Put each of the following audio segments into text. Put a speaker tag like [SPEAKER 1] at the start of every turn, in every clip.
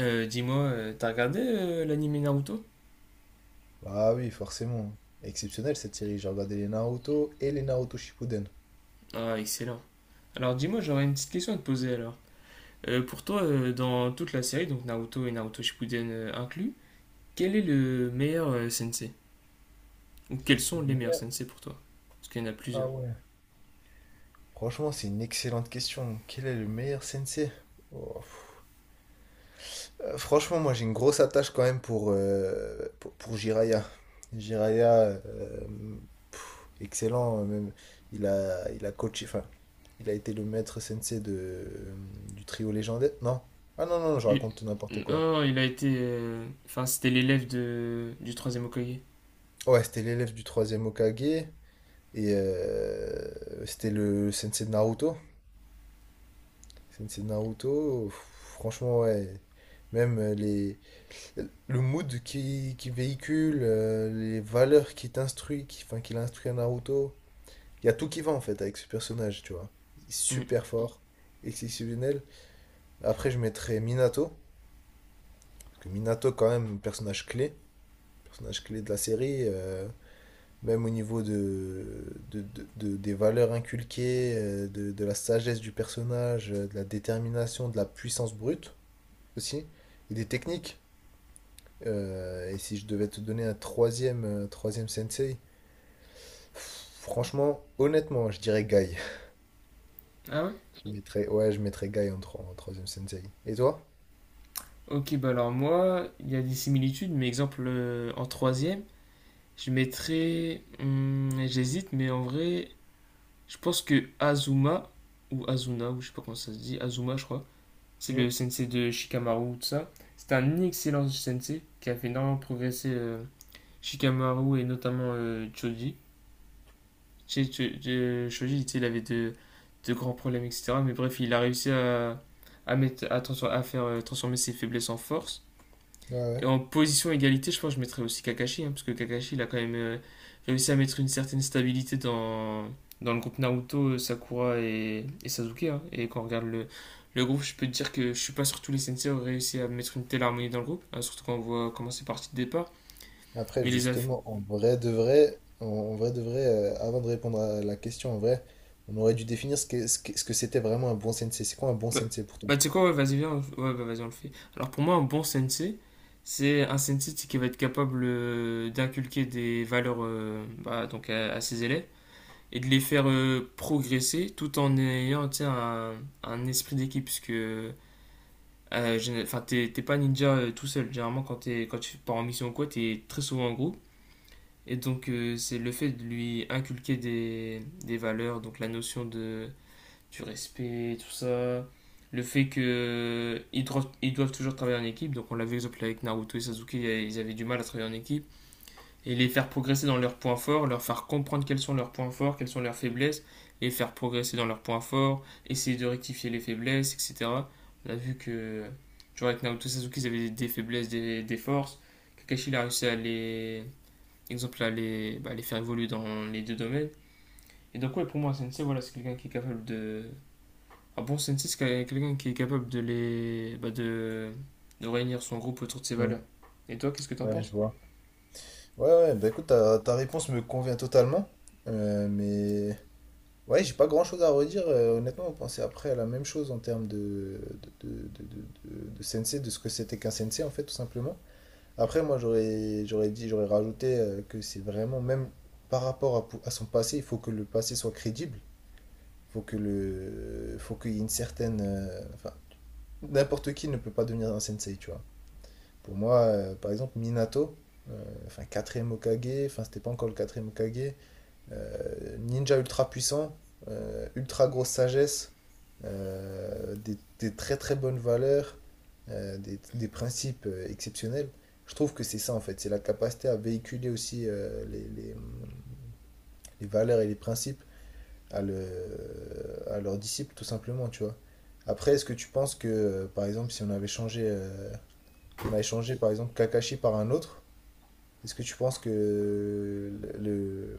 [SPEAKER 1] Dis-moi, t'as regardé l'anime Naruto?
[SPEAKER 2] Ah oui, forcément. Exceptionnel cette série. J'ai regardé les Naruto et les Naruto Shippuden.
[SPEAKER 1] Ah, excellent. Alors dis-moi, j'aurais une petite question à te poser alors. Pour toi, dans toute la série, donc Naruto et Naruto Shippuden inclus, quel est le meilleur sensei? Ou quels sont
[SPEAKER 2] Le
[SPEAKER 1] les meilleurs
[SPEAKER 2] meilleur-
[SPEAKER 1] sensei pour toi? Parce qu'il y en a
[SPEAKER 2] Ah
[SPEAKER 1] plusieurs.
[SPEAKER 2] ouais. Franchement, c'est une excellente question. Quel est le meilleur sensei? Oh, pff. Franchement, moi j'ai une grosse attache quand même pour Jiraiya. Jiraiya, euh, excellent. Même, il a coaché, il a été le maître sensei du trio légendaire. Non? Ah non, non, je
[SPEAKER 1] Lui-
[SPEAKER 2] raconte n'importe quoi.
[SPEAKER 1] Oh, il a été... Enfin, c'était du troisième Hokage.
[SPEAKER 2] Ouais, c'était l'élève du troisième Hokage. C'était le sensei de Naruto. Sensei de Naruto, franchement, ouais. Même euh, les, le mood qui véhicule, les valeurs qui t'instruit, qu'il instruit à Naruto. Il y a tout qui va en fait avec ce personnage, tu vois. Il est
[SPEAKER 1] Hmm.
[SPEAKER 2] super fort, exceptionnel. Après, je mettrais Minato. Parce que Minato, quand même, personnage clé. Personnage clé de la série. Même au niveau des valeurs inculquées, de la sagesse du personnage, de la détermination, de la puissance brute aussi, et des techniques. Et si je devais te donner un troisième, troisième sensei, franchement, honnêtement, je dirais Guy.
[SPEAKER 1] Ah ouais?
[SPEAKER 2] Je mettrais, ouais, je mettrais Guy en troisième sensei. Et toi?
[SPEAKER 1] Ok, bah alors moi, il y a des similitudes, mais exemple, en troisième, je mettrais... hmm, j'hésite, mais en vrai, je pense que Azuma, ou Azuna, ou je sais pas comment ça se dit, Azuma, je crois, c'est
[SPEAKER 2] Hmm,
[SPEAKER 1] le sensei de Shikamaru, tout ça. C'est un excellent sensei qui a fait énormément progresser Shikamaru et notamment Choji. Choji, il avait de grands problèmes, etc. Mais bref, il a réussi à faire transformer ses faiblesses en force.
[SPEAKER 2] ouais,
[SPEAKER 1] Et
[SPEAKER 2] ouais.
[SPEAKER 1] en position égalité, je pense que je mettrais aussi Kakashi, hein, parce que Kakashi, il a quand même réussi à mettre une certaine stabilité dans le groupe Naruto, Sakura et Sasuke, hein. Et quand on regarde le groupe, je peux te dire que je suis pas sûr que tous les sensei auraient réussi à mettre une telle harmonie dans le groupe, hein, surtout quand on voit comment c'est parti de départ.
[SPEAKER 2] Après,
[SPEAKER 1] Mais les aff...
[SPEAKER 2] justement, en vrai de vrai, avant de répondre à la question, en vrai, on aurait dû définir ce que c'était vraiment un bon sensei. C'est quoi un bon
[SPEAKER 1] Bah,
[SPEAKER 2] sensei pour toi?
[SPEAKER 1] tu sais quoi, ouais, vas-y, viens, ouais, bah, vas-y, on le fait. Alors pour moi, un bon sensei, c'est un sensei qui va être capable d'inculquer des valeurs bah, donc à ses élèves et de les faire progresser tout en ayant un esprit d'équipe. Parce que enfin, t'es pas ninja tout seul. Généralement, quand, quand tu pars en mission ou quoi, t'es très souvent en groupe. Et donc, c'est le fait de lui inculquer des valeurs, donc la notion de, du respect, tout ça. Le fait que ils doivent toujours travailler en équipe. Donc, on l'a vu, par exemple, avec Naruto et Sasuke, ils avaient du mal à travailler en équipe et les faire progresser dans leurs points forts, leur faire comprendre quels sont leurs points forts, quelles sont leurs faiblesses, les faire progresser dans leurs points forts, essayer de rectifier les faiblesses, etc. On a vu que, tu vois, avec Naoto Sasuke, ils avaient des faiblesses, des forces. Kakashi, il a réussi à les, exemple, à les, bah, les faire évoluer dans les deux domaines. Et donc, ouais, pour moi, un sensei, voilà, c'est quelqu'un qui est capable de. Un bon sensei, c'est quelqu'un qui est capable de les. Bah, de réunir son groupe autour de ses
[SPEAKER 2] Hmm.
[SPEAKER 1] valeurs. Et toi, qu'est-ce que t'en
[SPEAKER 2] Ouais, je
[SPEAKER 1] penses?
[SPEAKER 2] vois. Ouais, ouais, bah écoute, ta réponse me convient totalement. Mais ouais, j'ai pas grand-chose à redire. Honnêtement, on pensait après à la même chose en termes de sensei, de ce que c'était qu'un sensei, en fait, tout simplement. Après, moi, j'aurais dit, j'aurais rajouté que c'est vraiment, même par rapport à son passé, il faut que le passé soit crédible. Faut faut qu'il y ait une certaine, n'importe qui ne peut pas devenir un sensei, tu vois. Pour moi, par exemple, Minato, enfin quatrième Hokage, enfin c'était pas encore le quatrième Hokage, ninja ultra puissant, ultra grosse sagesse, des très très bonnes valeurs, des principes exceptionnels. Je trouve que c'est ça en fait, c'est la capacité à véhiculer aussi les valeurs et les principes à leurs disciples, tout simplement, tu vois. Après, est-ce que tu penses que, par exemple, si on avait changé, on avait changé, par exemple, Kakashi par un autre, est-ce que tu penses que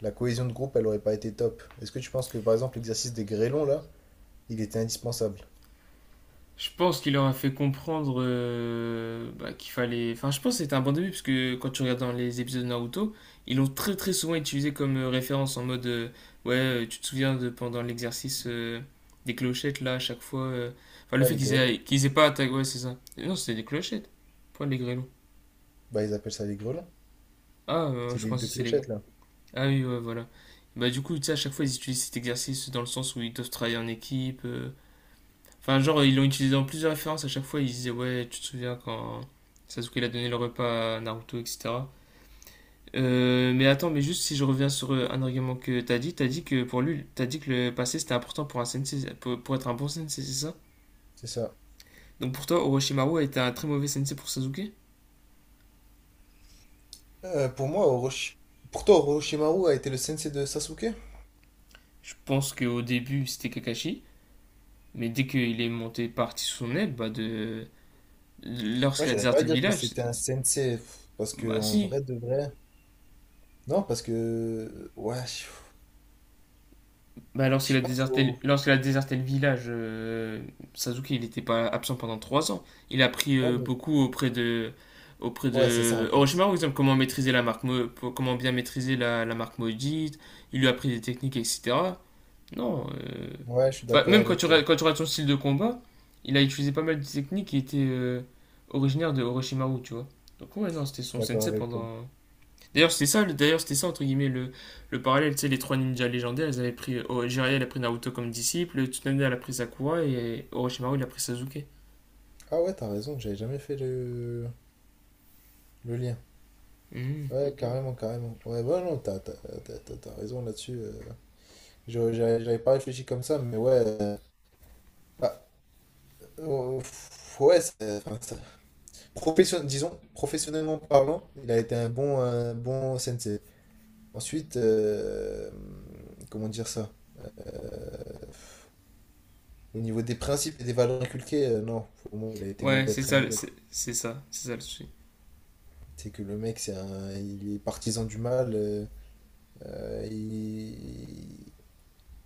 [SPEAKER 2] la cohésion de groupe, elle aurait pas été top? Est-ce que tu penses que, par exemple, l'exercice des grêlons, là, il était indispensable?
[SPEAKER 1] Je pense qu'il leur a fait comprendre bah, qu'il fallait. Enfin, je pense que c'était un bon début, parce que quand tu regardes dans les épisodes de Naruto, ils l'ont très très souvent utilisé comme référence en mode ouais, tu te souviens de pendant l'exercice des clochettes là, à chaque fois. Enfin, le
[SPEAKER 2] Là,
[SPEAKER 1] fait
[SPEAKER 2] les grêlons,
[SPEAKER 1] qu'ils aient pas attaqué. Ouais, c'est ça. Et non, c'était des clochettes. Pas les grêlons.
[SPEAKER 2] bah, ils appellent ça les grêlons.
[SPEAKER 1] Ah,
[SPEAKER 2] C'est
[SPEAKER 1] je
[SPEAKER 2] les
[SPEAKER 1] pensais
[SPEAKER 2] deux
[SPEAKER 1] que c'est les.
[SPEAKER 2] clochettes, là.
[SPEAKER 1] Ah oui, ouais, voilà. Bah, du coup, tu sais, à chaque fois, ils utilisent cet exercice dans le sens où ils doivent travailler en équipe. Enfin, genre, ils l'ont utilisé dans plusieurs références. À chaque fois, ils disaient, ouais, tu te souviens quand Sasuke il a donné le repas à Naruto, etc. Mais attends, mais juste si je reviens sur un argument que t'as dit que pour lui, t'as dit que le passé c'était important pour un sensei, pour être un bon sensei, c'est ça?
[SPEAKER 2] C'est ça.
[SPEAKER 1] Donc pour toi, Orochimaru a été un très mauvais sensei pour Sasuke?
[SPEAKER 2] Pour moi, pour toi, Orochimaru a été le sensei de Sasuke?
[SPEAKER 1] Je pense qu'au début c'était Kakashi, mais dès qu'il est monté parti sous son aile, bah de.
[SPEAKER 2] Moi,
[SPEAKER 1] Lorsqu'il a
[SPEAKER 2] j'irais pas
[SPEAKER 1] déserté le
[SPEAKER 2] dire que
[SPEAKER 1] village,
[SPEAKER 2] c'était un sensei, pff, parce que
[SPEAKER 1] bah
[SPEAKER 2] en
[SPEAKER 1] si,
[SPEAKER 2] vrai de vrai, non, parce que... ouais,
[SPEAKER 1] bah,
[SPEAKER 2] je sais pas trop.
[SPEAKER 1] lorsqu'il a déserté le village, Sasuke, il n'était pas absent pendant trois ans. Il a appris
[SPEAKER 2] Non, mais...
[SPEAKER 1] beaucoup auprès
[SPEAKER 2] ouais, c'est ça, en
[SPEAKER 1] de
[SPEAKER 2] fait.
[SPEAKER 1] Orochimaru, par exemple, comment maîtriser la marque, comment bien maîtriser la marque maudite. Il lui a appris des techniques, etc. Non.
[SPEAKER 2] Ouais, je suis
[SPEAKER 1] Enfin,
[SPEAKER 2] d'accord
[SPEAKER 1] même quand
[SPEAKER 2] avec toi.
[SPEAKER 1] quand tu regardes son style de combat, il a utilisé pas mal de techniques qui étaient originaires de Orochimaru, tu vois. Donc ouais, non, c'était
[SPEAKER 2] Je suis
[SPEAKER 1] son
[SPEAKER 2] d'accord
[SPEAKER 1] sensei
[SPEAKER 2] avec toi.
[SPEAKER 1] pendant, d'ailleurs, c'était ça, d'ailleurs, c'était ça, entre guillemets, le parallèle, tu sais, les trois ninjas légendaires, elles avaient pris, oh, Jiraiya, elle a pris Naruto comme disciple, Tsunade, elle a pris Sakura, et Orochimaru, il a pris Sasuke.
[SPEAKER 2] Ah ouais, t'as raison, j'avais jamais fait le lien.
[SPEAKER 1] Mhm.
[SPEAKER 2] Ouais, mhm, carrément, carrément. Ouais, bah non, t'as raison là-dessus. J'avais pas réfléchi comme ça, mais ouais... bah, ouais, disons, professionnellement parlant, il a été un bon sensei. Ensuite, comment dire ça? euh, Au niveau des principes et des valeurs inculquées, non, pour moi, il a été
[SPEAKER 1] Ouais,
[SPEAKER 2] mauvais,
[SPEAKER 1] c'est
[SPEAKER 2] très
[SPEAKER 1] ça,
[SPEAKER 2] mauvais.
[SPEAKER 1] c'est ça, c'est ça le souci.
[SPEAKER 2] C'est que le mec, il est partisan du mal, euh, il...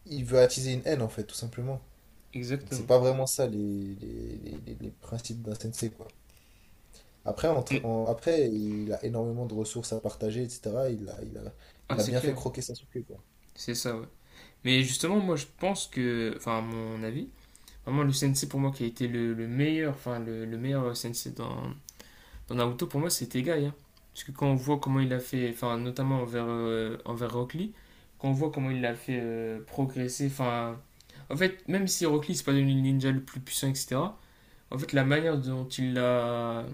[SPEAKER 2] il veut attiser une haine, en fait, tout simplement. Donc c'est
[SPEAKER 1] Exactement.
[SPEAKER 2] pas vraiment ça les principes d'un sensei, quoi. Après,
[SPEAKER 1] Mais-
[SPEAKER 2] après, il a énormément de ressources à partager, etc.
[SPEAKER 1] ah,
[SPEAKER 2] Il a
[SPEAKER 1] c'est
[SPEAKER 2] bien fait
[SPEAKER 1] clair, hein.
[SPEAKER 2] croquer Sasuke, quoi.
[SPEAKER 1] C'est ça, ouais. Mais justement, moi, je pense que, enfin, à mon avis, vraiment, le sensei, pour moi, qui a été le meilleur, enfin, le meilleur sensei dans, dans Naruto, pour moi, c'était Tegai, hein. Parce que quand on voit comment il a fait, enfin, notamment envers, envers Rock Lee, quand on voit comment il l'a fait progresser, enfin. En fait, même si Rock Lee, c'est pas devenu le ninja le plus puissant, etc., en fait, la manière dont il l'a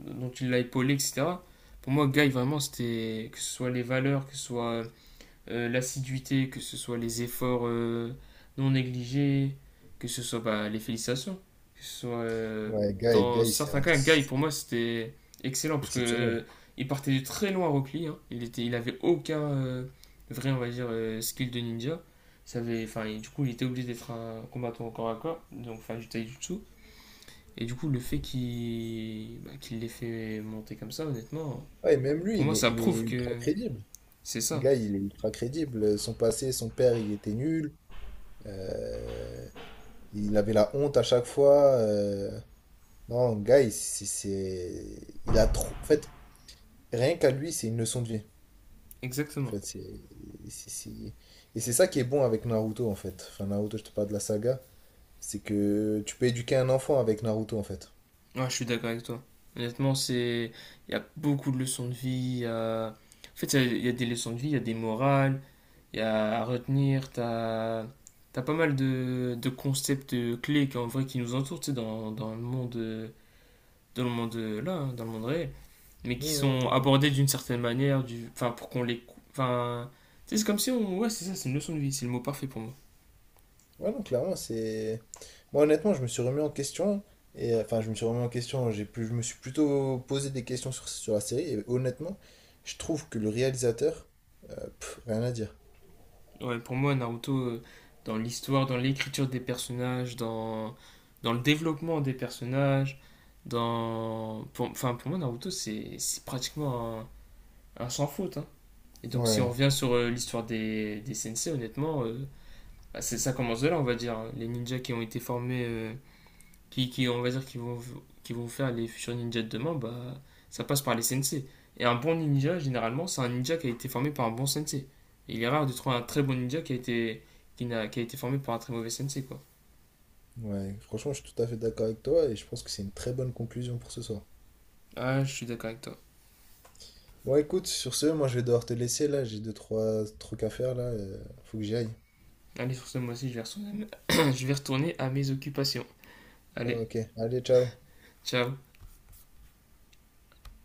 [SPEAKER 1] épaulé, etc., pour moi, Guy, vraiment, c'était. Que ce soit les valeurs, que ce soit l'assiduité, que ce soit les efforts non négligés, que ce soit bah, les félicitations, que ce soit
[SPEAKER 2] Ouais,
[SPEAKER 1] dans
[SPEAKER 2] Guy,
[SPEAKER 1] certains cas, Guy
[SPEAKER 2] c'est
[SPEAKER 1] pour moi c'était excellent parce que
[SPEAKER 2] exceptionnel.
[SPEAKER 1] il partait de très loin à Rockly, hein. Il était, il avait aucun vrai on va dire skill de ninja, ça avait, enfin et du coup il était obligé d'être un combattant au corps à corps, donc enfin du taijutsu et du coup le fait qu'il bah, qu'il l'ait fait monter comme ça honnêtement,
[SPEAKER 2] Ouais, même lui,
[SPEAKER 1] pour moi ça
[SPEAKER 2] il est
[SPEAKER 1] prouve
[SPEAKER 2] ultra
[SPEAKER 1] que
[SPEAKER 2] crédible.
[SPEAKER 1] c'est ça,
[SPEAKER 2] Guy, il est ultra crédible. Son passé, son père, il était nul. Euh, il avait la honte à chaque fois. Non, le gars, il a trop. En fait, rien qu'à lui, c'est une leçon de vie. En
[SPEAKER 1] exactement.
[SPEAKER 2] fait, c'est- c'est- et c'est ça qui est bon avec Naruto, en fait. Enfin, Naruto, je te parle de la saga. C'est que tu peux éduquer un enfant avec Naruto, en fait.
[SPEAKER 1] Ouais, je suis d'accord avec toi. Honnêtement, c'est... Il y a beaucoup de leçons de vie. il y a- En fait, il y a des leçons de vie, il y a des morales, il y a à retenir. T'as... T'as pas mal de concepts clés qui, en vrai, qui nous entourent, tu sais, dans le monde là, hein, dans le monde réel, mais qui sont
[SPEAKER 2] Mmh.
[SPEAKER 1] abordés d'une certaine manière, du, enfin, pour qu'on enfin, tu sais, c'est comme si on, ouais, c'est ça, c'est une leçon de vie, c'est le mot parfait pour moi.
[SPEAKER 2] Ouais, non, clairement, c'est. Moi, honnêtement, je me suis remis en question. Et enfin, je me suis remis en question. Je me suis plutôt posé des questions sur la série. Et honnêtement, je trouve que le réalisateur, pff, rien à dire.
[SPEAKER 1] Ouais, pour moi, Naruto, dans l'histoire, dans l'écriture des personnages, dans le développement des personnages, dans... Pour, enfin, pour moi, Naruto, c'est pratiquement un sans faute, hein. Et donc, si on
[SPEAKER 2] Ouais,
[SPEAKER 1] revient sur l'histoire des sensei, honnêtement, bah, c'est ça commence de là, on va dire, hein. Les ninjas qui ont été formés qui, on va dire, qui vont faire les futurs ninjas de demain, bah, ça passe par les sensei. Et un bon ninja, généralement, c'est un ninja qui a été formé par un bon sensei. Il est rare de trouver un très bon ninja qui a été, qui n'a, qui a été formé par un très mauvais sensei, quoi.
[SPEAKER 2] ouais, franchement, je suis tout à fait d'accord avec toi et je pense que c'est une très bonne conclusion pour ce soir.
[SPEAKER 1] Ah, je suis d'accord avec toi.
[SPEAKER 2] Bon, écoute, sur ce, moi je vais devoir te laisser là, j'ai deux, trois trucs à faire là, faut que j'y aille.
[SPEAKER 1] Allez, sur ce, moi aussi, je vais retourner à mes, je vais retourner à mes occupations.
[SPEAKER 2] Ah,
[SPEAKER 1] Allez,
[SPEAKER 2] ok, allez, ciao.
[SPEAKER 1] ciao.